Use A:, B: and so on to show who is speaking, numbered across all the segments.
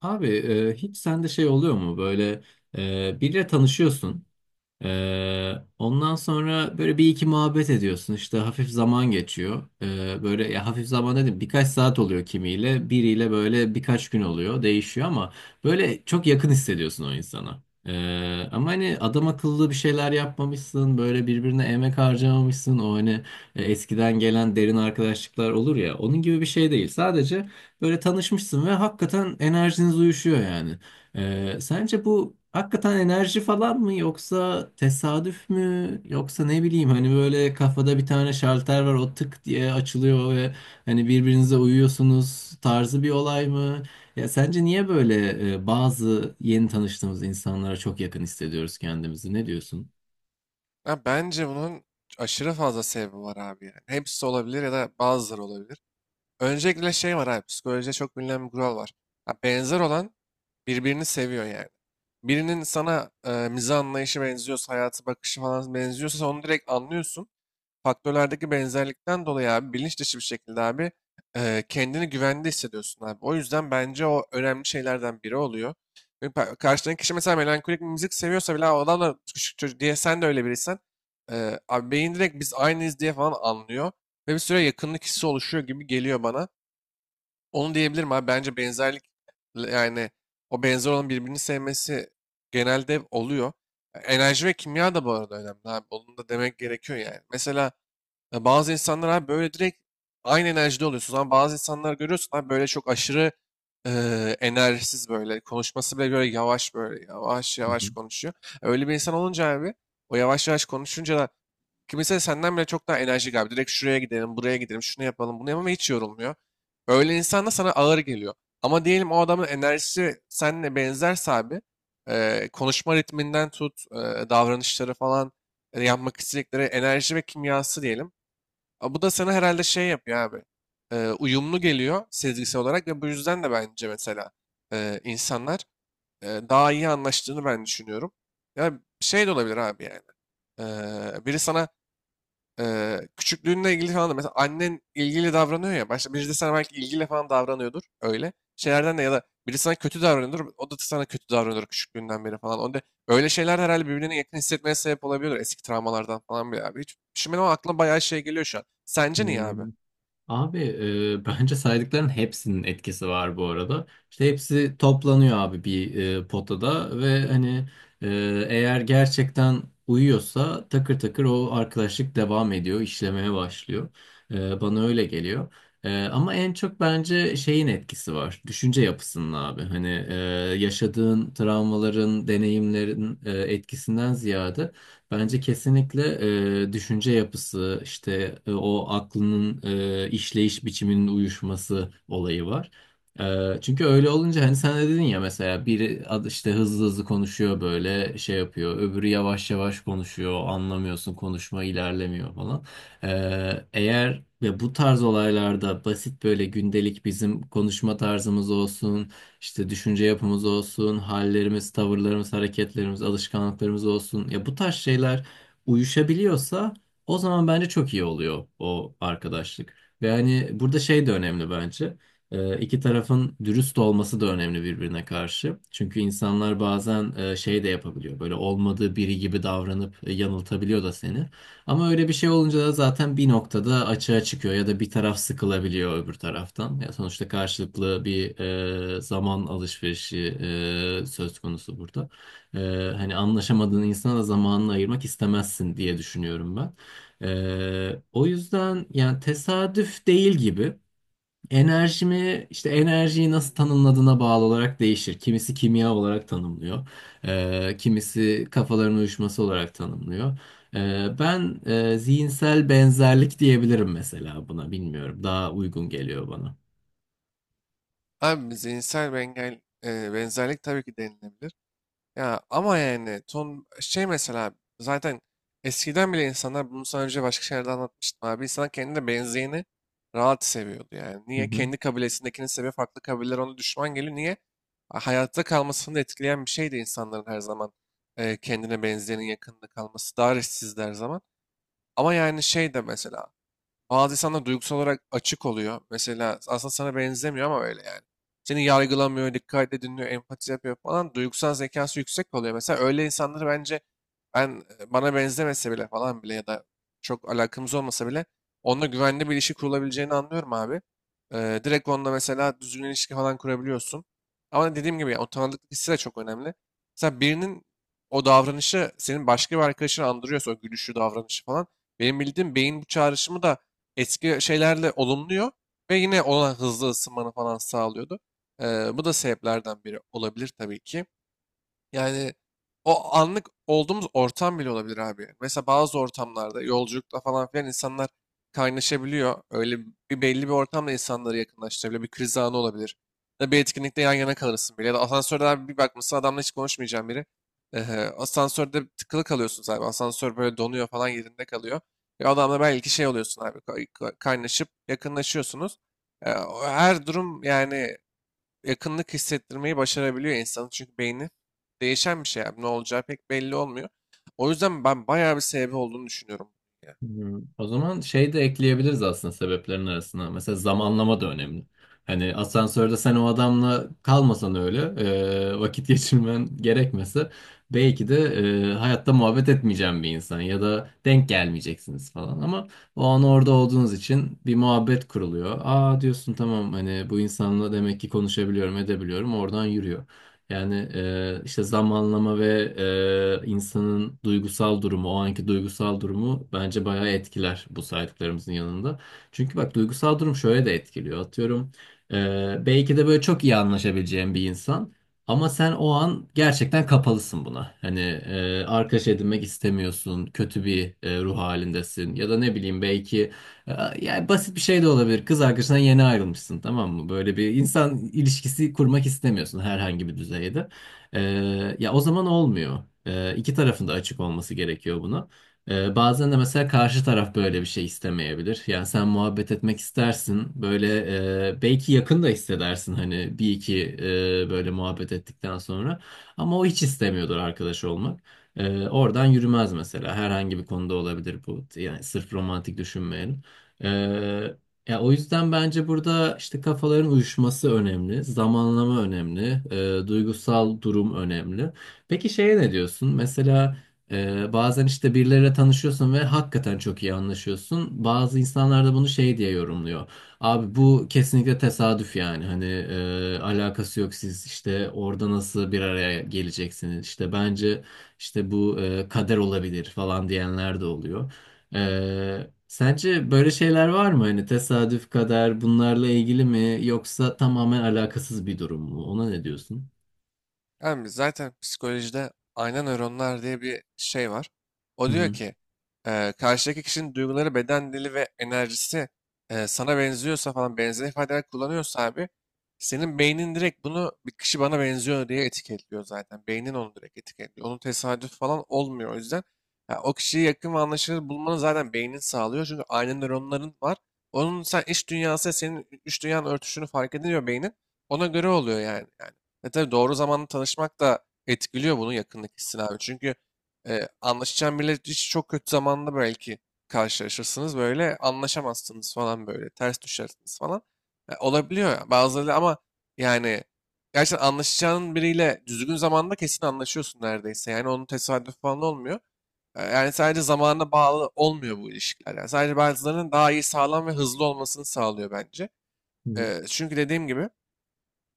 A: Abi hiç sende şey oluyor mu böyle biriyle tanışıyorsun, ee, ondan sonra böyle bir iki muhabbet ediyorsun. İşte hafif zaman geçiyor. Böyle ya hafif zaman dedim, birkaç saat oluyor kimiyle. Biriyle böyle birkaç gün oluyor. Değişiyor ama böyle çok yakın hissediyorsun o insana. Ama hani adam akıllı bir şeyler yapmamışsın. Böyle birbirine emek harcamamışsın. O hani eskiden gelen derin arkadaşlıklar olur ya. Onun gibi bir şey değil. Sadece böyle tanışmışsın ve hakikaten enerjiniz uyuşuyor yani. Sence bu hakikaten enerji falan mı, yoksa tesadüf mü, yoksa ne bileyim, hani böyle kafada bir tane şalter var, o tık diye açılıyor ve hani birbirinize uyuyorsunuz tarzı bir olay mı? Ya sence niye böyle bazı yeni tanıştığımız insanlara çok yakın hissediyoruz kendimizi? Ne diyorsun?
B: Ya bence bunun aşırı fazla sebebi var abi yani. Hepsi olabilir ya da bazıları olabilir. Öncelikle şey var abi, psikolojide çok bilinen bir kural var. Ha, benzer olan birbirini seviyor yani. Birinin sana mizah anlayışı benziyorsa, hayatı bakışı falan benziyorsa sen onu direkt anlıyorsun faktörlerdeki benzerlikten dolayı abi bilinç dışı bir şekilde abi, kendini güvende hissediyorsun abi. O yüzden bence o önemli şeylerden biri oluyor. Ve karşıdaki kişi mesela melankolik bir müzik seviyorsa bile, "Aa, o adam da küçük çocuk" diye, sen de öyle biriysen abi beyin direkt "biz aynıyız" diye falan anlıyor ve bir süre yakınlık hissi oluşuyor gibi geliyor bana. Onu diyebilirim abi, bence benzerlik, yani o benzer olan birbirini sevmesi genelde oluyor. Enerji ve kimya da bu arada önemli abi. Onu da demek gerekiyor yani. Mesela ya bazı insanlar abi böyle direkt aynı enerjide oluyorsunuz, ama bazı insanlar görüyorsun abi böyle çok aşırı enerjisiz böyle. Konuşması bile böyle yavaş, böyle yavaş
A: Hı
B: yavaş konuşuyor. Öyle bir insan olunca abi, o yavaş yavaş konuşunca da, kimisi senden bile çok daha enerjik abi. Direkt "şuraya gidelim, buraya gidelim, şunu yapalım, bunu yapalım" ve hiç yorulmuyor. Öyle insan da sana ağır geliyor. Ama diyelim o adamın enerjisi seninle benzerse abi, konuşma ritminden tut, davranışları falan, yapmak istedikleri, enerji ve kimyası diyelim. A, bu da sana herhalde şey yapıyor abi. Uyumlu geliyor sezgisel olarak ve bu yüzden de bence mesela insanlar daha iyi anlaştığını ben düşünüyorum. Ya şey de olabilir abi yani. Biri sana küçüklüğünle ilgili falan da, mesela annen ilgili davranıyor ya. Başta birisi de sana belki ilgiyle falan davranıyordur öyle. Şeylerden de, ya da biri sana kötü davranıyordur. O da sana kötü davranıyordur küçüklüğünden beri falan. Onda öyle şeyler de herhalde birbirine yakın hissetmeye sebep olabiliyor. Eski travmalardan falan bile abi. Hiç düşünmedim ama aklıma bayağı şey geliyor şu an.
A: hı.
B: Sence niye abi?
A: Abi bence saydıkların hepsinin etkisi var bu arada. İşte hepsi toplanıyor abi bir potada ve hani e, eğer gerçekten uyuyorsa takır takır o arkadaşlık devam ediyor, işlemeye başlıyor. Bana öyle geliyor. Ama en çok bence şeyin etkisi var, düşünce yapısının abi. Hani yaşadığın travmaların, deneyimlerin etkisinden ziyade. Bence kesinlikle düşünce yapısı, işte o aklının işleyiş biçiminin uyuşması olayı var. Çünkü öyle olunca hani sen de dedin ya, mesela biri işte hızlı hızlı konuşuyor, böyle şey yapıyor, öbürü yavaş yavaş konuşuyor, anlamıyorsun, konuşma ilerlemiyor falan. Eğer ve bu tarz olaylarda basit böyle gündelik bizim konuşma tarzımız olsun. İşte düşünce yapımız olsun, hallerimiz, tavırlarımız, hareketlerimiz, alışkanlıklarımız olsun. Ya bu tarz şeyler uyuşabiliyorsa o zaman bence çok iyi oluyor o arkadaşlık. Ve hani burada şey de önemli bence. İki tarafın dürüst olması da önemli birbirine karşı. Çünkü insanlar bazen şey de yapabiliyor. Böyle olmadığı biri gibi davranıp yanıltabiliyor da seni. Ama öyle bir şey olunca da zaten bir noktada açığa çıkıyor ya da bir taraf sıkılabiliyor öbür taraftan. Ya sonuçta karşılıklı bir zaman alışverişi söz konusu burada. E, Hani anlaşamadığın insana da zamanını ayırmak istemezsin diye düşünüyorum ben. O yüzden yani tesadüf değil gibi. Enerjimi işte enerjiyi nasıl tanımladığına bağlı olarak değişir. Kimisi kimya olarak tanımlıyor. Kimisi kafaların uyuşması olarak tanımlıyor. Ben zihinsel benzerlik diyebilirim mesela buna. Bilmiyorum. Daha uygun geliyor bana.
B: Abi zihinsel bir benzerlik tabii ki denilebilir. Ya ama yani ton şey mesela, zaten eskiden bile insanlar bunu sana önce başka şeylerde anlatmıştım abi. İnsanlar kendine benzeyeni rahat seviyordu yani.
A: Hı
B: Niye?
A: hı.
B: Kendi kabilesindekini seviyor. Farklı kabileler ona düşman geliyor. Niye? Hayatta kalmasını da etkileyen bir şeydi insanların her zaman kendine benzeyenin yakınında kalması. Daha eşsizdi her zaman. Ama yani şey de mesela, bazı insanlar duygusal olarak açık oluyor. Mesela aslında sana benzemiyor ama öyle yani. Seni yargılamıyor, dikkatle dinliyor, empati yapıyor falan. Duygusal zekası yüksek oluyor. Mesela öyle insanları bence ben, bana benzemese bile falan bile, ya da çok alakamız olmasa bile, onunla güvenli bir ilişki kurulabileceğini anlıyorum abi. Direkt onunla mesela düzgün ilişki falan kurabiliyorsun. Ama dediğim gibi yani, o tanıdıklık hissi de çok önemli. Mesela birinin o davranışı senin başka bir arkadaşını andırıyorsa, o gülüşü, davranışı falan. Benim bildiğim beyin bu çağrışımı da eski şeylerle olumluyor ve yine ona hızlı ısınmanı falan sağlıyordu. Bu da sebeplerden biri olabilir tabii ki. Yani o anlık olduğumuz ortam bile olabilir abi. Mesela bazı ortamlarda, yolculukta falan filan, insanlar kaynaşabiliyor. Öyle bir belli bir ortamda insanları yakınlaştırabiliyor. Bir kriz anı olabilir. Ya da bir etkinlikte yan yana kalırsın bile. Ya da asansörde abi, bir bakmışsın adamla hiç konuşmayacağım biri. Ehe, asansörde tıkılı kalıyorsun abi. Asansör böyle donuyor falan, yerinde kalıyor. Ve adamla belki şey oluyorsun abi. Kaynaşıp yakınlaşıyorsunuz. E, o Her durum yani yakınlık hissettirmeyi başarabiliyor insanı. Çünkü beyni değişen bir şey abi. Ne olacağı pek belli olmuyor. O yüzden ben bayağı bir sebebi olduğunu düşünüyorum. Ya.
A: Hmm. O zaman şey de ekleyebiliriz aslında sebeplerin arasına. Mesela zamanlama da önemli. Hani
B: Ya.
A: asansörde sen o adamla kalmasan öyle, vakit geçirmen gerekmese, belki de hayatta muhabbet etmeyeceğin bir insan ya da denk gelmeyeceksiniz falan, ama o an orada olduğunuz için bir muhabbet kuruluyor. Aa diyorsun, tamam, hani bu insanla demek ki konuşabiliyorum, edebiliyorum. Oradan yürüyor. Yani işte zamanlama ve insanın duygusal durumu, o anki duygusal durumu bence bayağı etkiler bu saydıklarımızın yanında. Çünkü bak duygusal durum şöyle de etkiliyor. Atıyorum, belki de böyle çok iyi anlaşabileceğin bir insan ama sen o an gerçekten kapalısın buna. Hani arkadaş edinmek istemiyorsun, kötü bir ruh halindesin ya da ne bileyim, belki yani basit bir şey de olabilir. Kız arkadaşından yeni ayrılmışsın, tamam mı? Böyle bir insan ilişkisi kurmak istemiyorsun herhangi bir düzeyde. Ee, Ya o zaman olmuyor. İki tarafın da açık olması gerekiyor buna. Bazen de mesela karşı taraf böyle bir şey istemeyebilir. Yani sen muhabbet etmek istersin. Böyle belki yakın da hissedersin hani bir iki böyle muhabbet ettikten sonra. Ama o hiç istemiyordur arkadaş olmak. Oradan yürümez mesela. Herhangi bir konuda olabilir bu. Yani sırf romantik düşünmeyelim. Ee, Ya o yüzden bence burada işte kafaların uyuşması önemli, zamanlama önemli, duygusal durum önemli. Peki şeye ne diyorsun? Mesela bazen işte birileriyle tanışıyorsun ve hakikaten çok iyi anlaşıyorsun. Bazı insanlar da bunu şey diye yorumluyor. Abi bu kesinlikle tesadüf yani. Hani alakası yok, siz işte orada nasıl bir araya geleceksiniz? İşte bence işte bu kader olabilir falan diyenler de oluyor. Sence böyle şeyler var mı? Hani tesadüf, kader bunlarla ilgili mi, yoksa tamamen alakasız bir durum mu? Ona ne diyorsun?
B: Yani zaten psikolojide ayna nöronlar diye bir şey var. O
A: Hı
B: diyor
A: hı.
B: ki, karşıdaki kişinin duyguları, beden dili ve enerjisi sana benziyorsa falan, benzer ifadeler kullanıyorsa abi, senin beynin direkt bunu "bir kişi bana benziyor" diye etiketliyor zaten. Beynin onu direkt etiketliyor. Onun tesadüf falan olmuyor o yüzden. Ya o kişiyi yakın ve anlaşılır bulmanı zaten beynin sağlıyor. Çünkü ayna nöronların var. Onun sen iç dünyası senin iç dünyanın örtüşünü fark ediliyor beynin. Ona göre oluyor yani. Yani e tabii, doğru zamanda tanışmak da etkiliyor bunu, yakınlık hissini abi. Çünkü anlaşacağın biriyle hiç çok kötü zamanda belki karşılaşırsınız böyle, anlaşamazsınız falan, böyle ters düşersiniz falan. Olabiliyor ya bazıları, ama yani gerçekten anlaşacağın biriyle düzgün zamanda kesin anlaşıyorsun neredeyse. Yani onun tesadüf falan olmuyor. Yani sadece zamana bağlı olmuyor bu ilişkiler. Yani sadece bazılarının daha iyi, sağlam ve hızlı olmasını sağlıyor bence.
A: Hı
B: Çünkü dediğim gibi,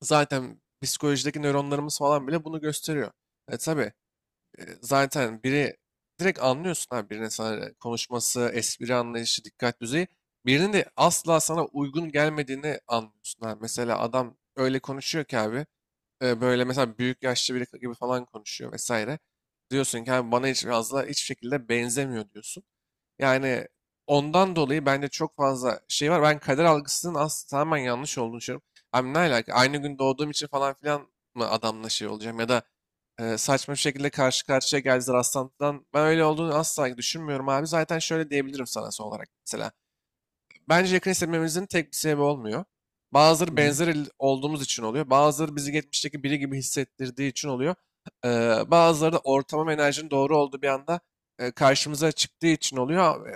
B: zaten psikolojideki nöronlarımız falan bile bunu gösteriyor. E tabii, zaten biri, direkt anlıyorsun ha birinin sana konuşması, espri anlayışı, dikkat düzeyi. Birinin de asla sana uygun gelmediğini anlıyorsun ha. Mesela adam öyle konuşuyor ki abi, böyle mesela büyük yaşlı biri gibi falan konuşuyor vesaire. Diyorsun ki abi bana hiç fazla hiçbir şekilde benzemiyor, diyorsun. Yani ondan dolayı bence çok fazla şey var. Ben kader algısının aslında tamamen yanlış olduğunu düşünüyorum. Abi ne alaka? Aynı gün doğduğum için falan filan mı adamla şey olacağım? Ya da saçma bir şekilde karşı karşıya geldiler rastlantıdan. Ben öyle olduğunu asla düşünmüyorum abi. Zaten şöyle diyebilirim sana son olarak, mesela bence yakın hissetmemizin tek bir sebebi olmuyor. Bazıları
A: hı.
B: olduğumuz için oluyor. Bazıları bizi geçmişteki biri gibi hissettirdiği için oluyor. Bazıları da ortamın ve enerjinin doğru olduğu bir anda karşımıza çıktığı için oluyor.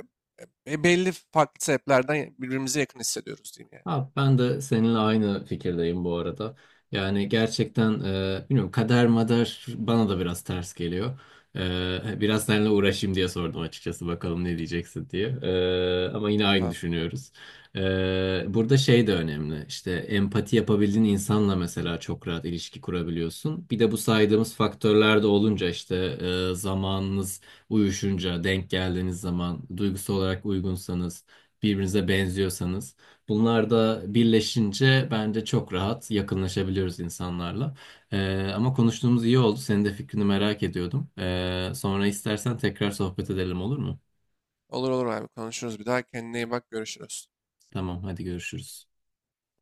B: Belli farklı sebeplerden birbirimize yakın hissediyoruz diyeyim yani.
A: Abi ben de seninle aynı fikirdeyim bu arada. Yani gerçekten bilmiyorum, kader mader bana da biraz ters geliyor. Biraz seninle uğraşayım diye sordum açıkçası, bakalım ne diyeceksin diye. Ama yine aynı
B: Tamam.
A: düşünüyoruz. Burada şey de önemli. İşte empati yapabildiğin insanla mesela çok rahat ilişki kurabiliyorsun. Bir de bu saydığımız faktörler de olunca, işte zamanınız uyuşunca, denk geldiğiniz zaman, duygusal olarak uygunsanız, birbirinize benziyorsanız, bunlar da birleşince bence çok rahat yakınlaşabiliyoruz insanlarla. Ama konuştuğumuz iyi oldu. Senin de fikrini merak ediyordum. Sonra istersen tekrar sohbet edelim, olur mu?
B: Olur olur abi, konuşuruz bir daha. Kendine iyi bak, görüşürüz.
A: Tamam, hadi görüşürüz.